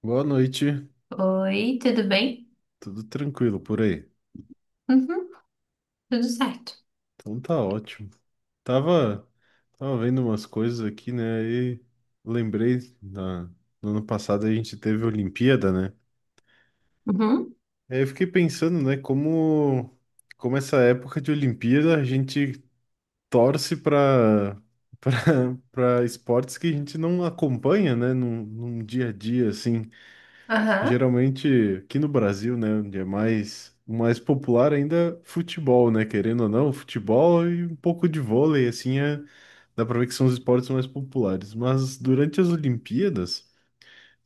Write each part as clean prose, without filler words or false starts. Boa noite, Oi, tudo bem? tudo tranquilo por aí? Uhum, tudo certo. Então tá ótimo. Tava, tava vendo umas coisas aqui, né? E lembrei no ano passado a gente teve Olimpíada, né? Uhum, Aí eu fiquei pensando, né, como essa época de Olimpíada a gente torce para esportes que a gente não acompanha, né, num dia a dia assim. aham, Geralmente aqui no Brasil, né, onde é mais popular ainda é futebol, né, querendo ou não, futebol e um pouco de vôlei, assim, é, dá pra ver que são os esportes mais populares. Mas durante as Olimpíadas,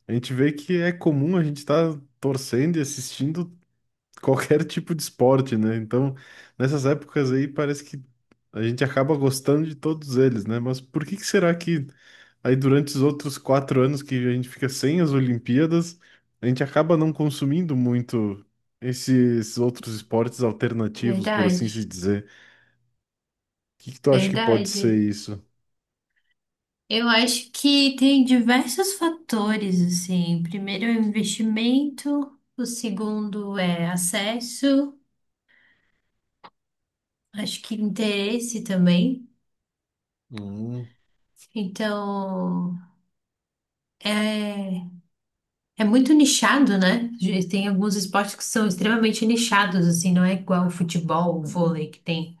a gente vê que é comum a gente estar torcendo e assistindo qualquer tipo de esporte, né? Então, nessas épocas aí, parece que a gente acaba gostando de todos eles, né? Mas por que que será que aí durante os outros 4 anos que a gente fica sem as Olimpíadas, a gente acaba não consumindo muito esses outros esportes alternativos, por assim se verdade, dizer? O que que tu acha que pode ser verdade. isso? Eu acho que tem diversos fatores, assim. Primeiro é o investimento, o segundo é acesso, acho que interesse também. Hum, Então, é, é muito nichado, né? Tem alguns esportes que são extremamente nichados, assim, não é igual o futebol, o vôlei que tem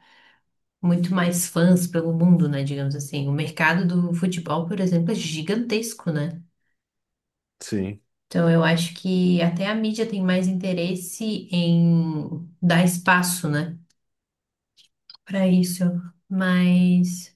muito mais fãs pelo mundo, né? Digamos assim. O mercado do futebol, por exemplo, é gigantesco, né? sim. Então eu acho que até a mídia tem mais interesse em dar espaço, né? Para isso. Mas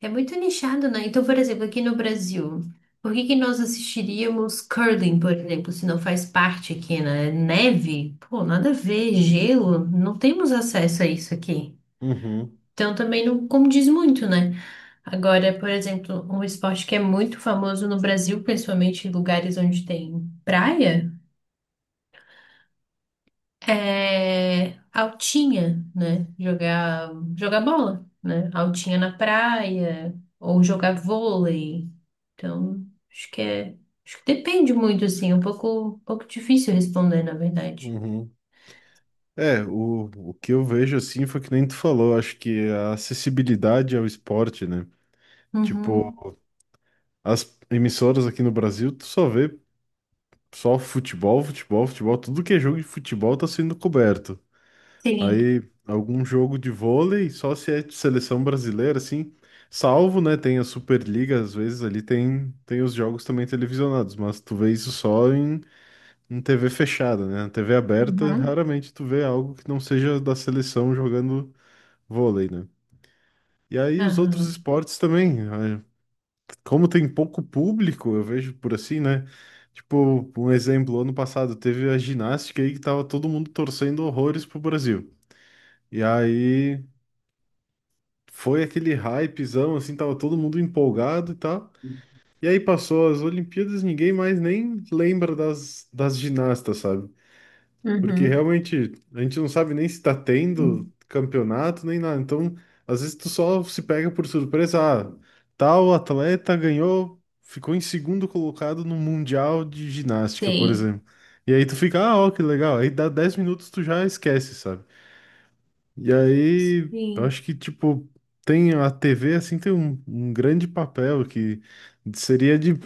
é muito nichado, né? Então, por exemplo, aqui no Brasil. Por que que nós assistiríamos curling, por exemplo, se não faz parte aqui, né? Neve? Pô, nada a ver, gelo, não temos acesso a isso aqui. Uhum, Então também não condiz muito, né? Agora, por exemplo, um esporte que é muito famoso no Brasil, principalmente em lugares onde tem praia, é altinha, né? Jogar bola, né? Altinha na praia, ou jogar vôlei. Então, acho que é, acho que depende muito, assim, é um pouco difícil responder, na verdade. uhum. É, o que eu vejo assim foi que nem tu falou, acho que a acessibilidade ao esporte, né? Uhum. Tipo, as emissoras aqui no Brasil, tu só vê só futebol, futebol, futebol, tudo que é jogo de futebol tá sendo coberto. Sim. Aí, algum jogo de vôlei, só se é de seleção brasileira, assim, salvo, né? Tem a Superliga, às vezes ali tem, os jogos também televisionados, mas tu vê isso só em TV fechada, né? Na TV aberta, Uhum. raramente tu vê algo que não seja da seleção jogando vôlei, né? E aí os outros Aham. esportes também. Como tem pouco público, eu vejo por assim, né? Tipo, um exemplo, ano passado teve a ginástica aí que tava todo mundo torcendo horrores pro Brasil. E aí foi aquele hypezão, assim, tava todo mundo empolgado e tal. E aí passou as Olimpíadas, ninguém mais nem lembra das ginastas, sabe? Porque Uhum. realmente a gente não sabe nem se tá tendo campeonato nem nada. Então, às vezes tu só se pega por surpresa. Ah, tal atleta ganhou, ficou em segundo colocado no Mundial de Ginástica, por Sim. exemplo. E aí tu fica, ah, ó, que legal. Aí dá 10 minutos tu já esquece, sabe? E aí, eu Sim. acho que, tipo, tem a TV, assim, tem um, grande papel que seria de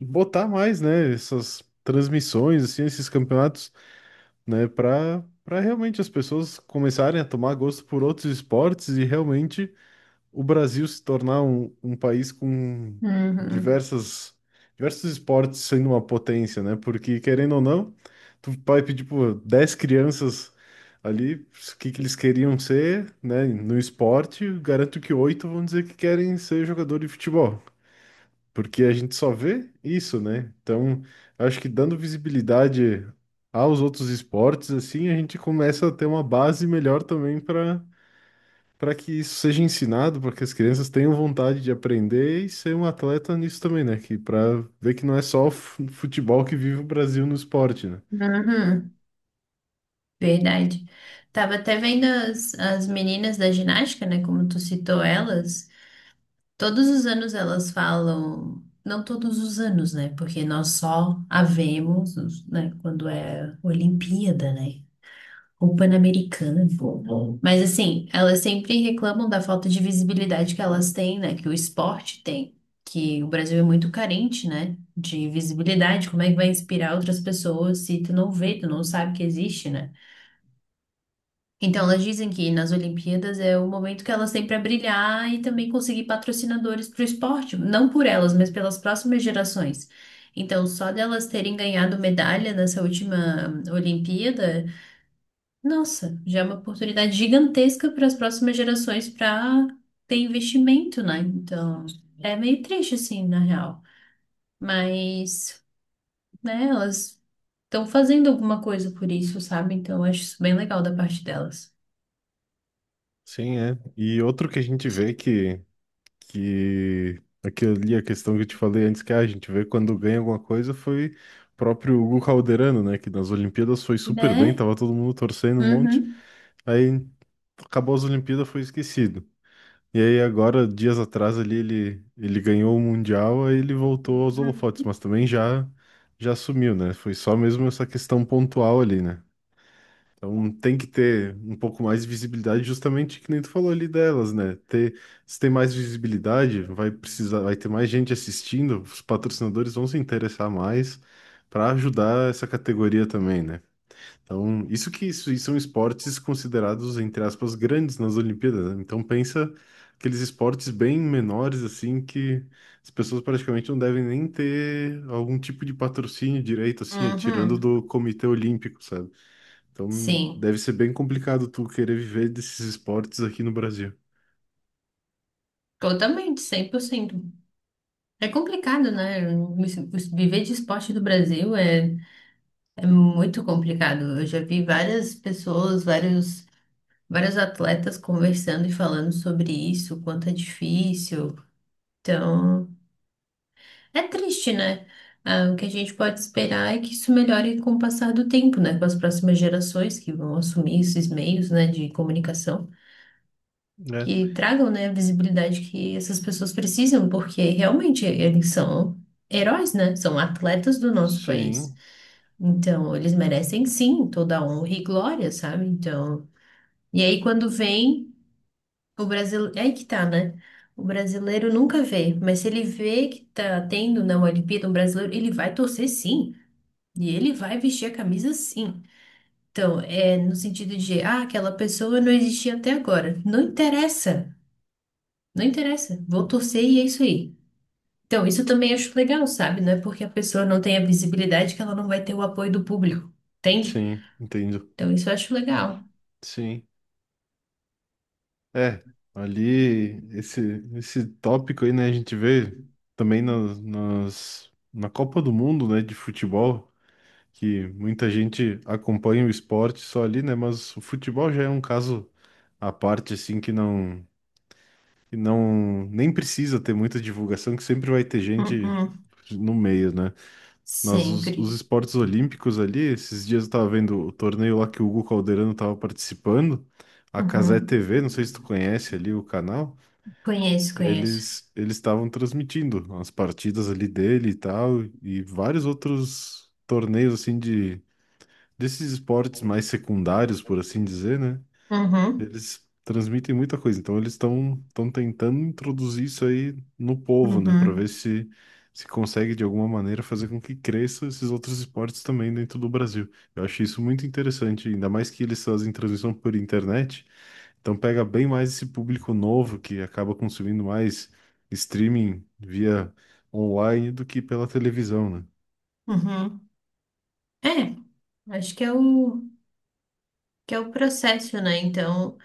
botar mais, né? Essas transmissões, assim, esses campeonatos, né? Para realmente as pessoas começarem a tomar gosto por outros esportes e realmente o Brasil se tornar um país com Uhum. diversas diversos esportes sendo uma potência, né? Porque querendo ou não, tu vai pedir por 10 crianças ali o que que eles queriam ser, né, no esporte, garanto que oito vão dizer que querem ser jogador de futebol porque a gente só vê isso, né? Então, acho que dando visibilidade aos outros esportes, assim, a gente começa a ter uma base melhor também para que isso seja ensinado, para que as crianças tenham vontade de aprender e ser um atleta nisso também, né? Que para ver que não é só o futebol que vive o Brasil no esporte, né? Uhum. Verdade. Tava até vendo as meninas da ginástica, né? Como tu citou elas. Todos os anos elas falam. Não todos os anos, né? Porque nós só a vemos, né? Quando é Olimpíada, né? Ou Pan-Americana. Uhum. Mas assim, elas sempre reclamam da falta de visibilidade que elas têm, né? Que o esporte tem. Que o Brasil é muito carente, né? De visibilidade. Como é que vai inspirar outras pessoas se tu não vê, tu não sabe que existe, né? Então, elas dizem que nas Olimpíadas é o momento que elas têm para brilhar e também conseguir patrocinadores para o esporte, não por elas, mas pelas próximas gerações. Então, só delas terem ganhado medalha nessa última Olimpíada, nossa, já é uma oportunidade gigantesca para as próximas gerações para ter investimento, né? Então, é meio triste assim, na real. Mas, né, elas estão fazendo alguma coisa por isso, sabe? Então, eu acho isso bem legal da parte delas. Sim, é. E outro que a gente vê que aquilo ali, a questão que eu te falei antes, que ah, a gente vê quando ganha alguma coisa, foi o próprio Hugo Calderano, né? Que nas Olimpíadas foi super bem, Né? tava todo mundo torcendo um monte. Uhum. Aí acabou as Olimpíadas, foi esquecido. E aí agora, dias atrás ali, ele ganhou o Mundial, aí ele voltou aos Uhum. holofotes, mas também já sumiu, né? Foi só mesmo essa questão pontual ali, né? Então tem que ter um pouco mais de visibilidade, justamente que nem tu falou ali delas, né? Ter, se tem mais visibilidade, vai precisar, vai ter mais gente assistindo, os patrocinadores vão se interessar mais para ajudar essa categoria também, né? Então, isso que isso, e são esportes considerados, entre aspas, grandes nas Olimpíadas, né? Então pensa aqueles esportes bem menores, assim, que as pessoas praticamente não devem nem ter algum tipo de patrocínio direito, assim, é, tirando Uhum. do Comitê Olímpico, sabe? Então, Sim, deve ser bem complicado tu querer viver desses esportes aqui no Brasil. totalmente, cem por cento. É complicado, né? Viver de esporte do Brasil é, é muito complicado. Eu já vi várias pessoas, vários atletas conversando e falando sobre isso, o quanto é difícil. Então, é triste, né? Ah, o que a gente pode esperar é que isso melhore com o passar do tempo, né? Com as próximas gerações que vão assumir esses meios, né, de comunicação. É, Que tragam, né, a visibilidade que essas pessoas precisam, porque realmente eles são heróis, né? São atletas do nosso país. sim, Então, eles merecem sim toda a honra e glória, sabe? Então, e aí quando vem o Brasil, é aí que tá, né? O brasileiro nunca vê, mas se ele vê que tá tendo na Olimpíada um brasileiro, ele vai torcer sim, e ele vai vestir a camisa sim. Então, é no sentido de, ah, aquela pessoa não existia até agora. Não interessa. Não interessa, vou torcer e é isso aí. Então, isso também acho legal, sabe? Não é porque a pessoa não tem a visibilidade que ela não vai ter o apoio do público, entende? sim, entendo. Então, isso eu acho legal. Sim. É, ali, esse tópico aí, né, a gente vê também na Copa do Mundo, né, de futebol, que muita gente acompanha o esporte só ali, né, mas o futebol já é um caso à parte, assim, que não, nem precisa ter muita divulgação, que sempre vai ter gente Uhum. no meio, né? Mas os Sempre. esportes olímpicos ali, esses dias eu tava vendo o torneio lá que o Hugo Calderano tava participando, a Cazé Uhum. TV, não sei se tu conhece ali o canal, Conheço, conheço. eles estavam transmitindo as partidas ali dele e tal, e vários outros torneios assim de desses esportes mais secundários, por assim dizer, né? Uhum. Eles transmitem muita coisa, então eles estão tentando introduzir isso aí no povo, né, para ver Uhum. se se consegue de alguma maneira fazer com que cresça esses outros esportes também dentro do Brasil. Eu achei isso muito interessante, ainda mais que eles fazem transmissão por internet, então pega bem mais esse público novo que acaba consumindo mais streaming via online do que pela televisão, né? Uhum. É, acho que é o processo, né? Então,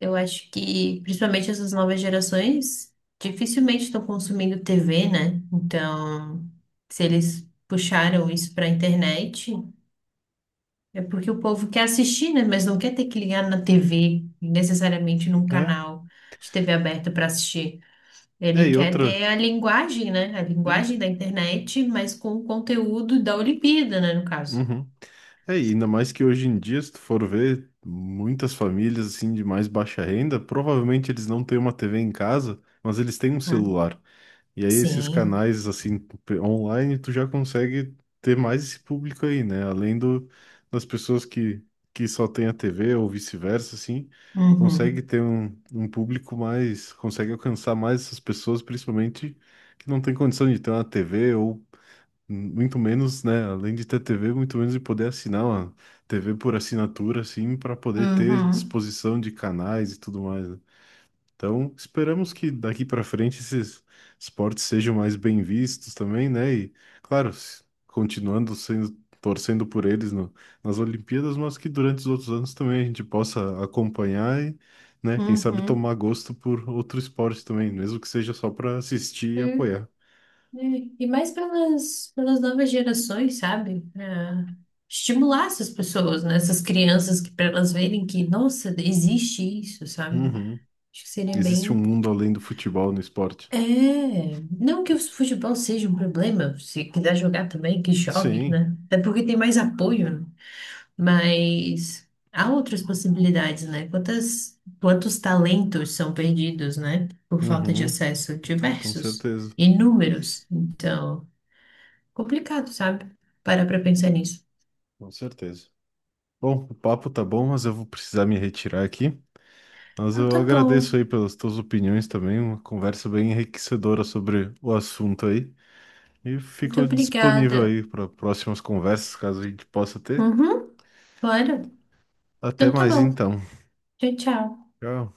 eu acho que, principalmente essas novas gerações, dificilmente estão consumindo TV, né? Então, se eles puxaram isso para a internet. É porque o povo quer assistir, né? Mas não quer ter que ligar na TV, necessariamente num É, canal de TV aberta para assistir. é, Ele e quer outra, ter a linguagem, né? A sim. linguagem da internet, mas com o conteúdo da Olimpíada, né? No caso. Uhum. É, e ainda mais que hoje em dia, se tu for ver, muitas famílias assim de mais baixa renda, provavelmente eles não têm uma TV em casa, mas eles têm um Hum. celular. E aí esses Sim. canais assim online, tu já consegue ter mais esse público aí, né? Além das pessoas que só têm a TV ou vice-versa, assim, consegue Uhum. ter um, público mais, consegue alcançar mais essas pessoas, principalmente que não tem condição de ter uma TV ou muito menos, né? Além de ter TV, muito menos de poder assinar uma TV por assinatura, assim, para poder ter Uhum. disposição de canais e tudo mais, né? Então, esperamos que daqui para frente esses esportes sejam mais bem vistos também, né? E, claro, continuando sendo, torcendo por eles nas Olimpíadas, mas que durante os outros anos também a gente possa acompanhar e, né? Quem sabe Uhum. tomar gosto por outro esporte também, mesmo que seja só para assistir e E, apoiar. E mais pelas novas gerações, sabe? É, estimular essas pessoas, né? Essas crianças que para elas verem que, nossa, existe isso, sabe? Uhum. Acho que seria Existe um bem. mundo além do futebol no esporte. É, não que o futebol seja um problema, se quiser jogar também, que jogue, Sim, né? É porque tem mais apoio, né? Mas há outras possibilidades, né? Quantos talentos são perdidos, né? Por falta de uhum, acesso, com diversos, certeza, inúmeros. Então, complicado, sabe? Parar pra pensar nisso. com certeza. Bom, o papo tá bom, mas eu vou precisar me retirar aqui. Mas Então eu tá agradeço bom, aí pelas tuas opiniões também, uma conversa bem enriquecedora sobre o assunto aí. E muito fico disponível obrigada. aí para próximas conversas, caso a gente possa ter. Uhum, bora. Até Então tá mais bom. então. Tchau, tchau. Tchau.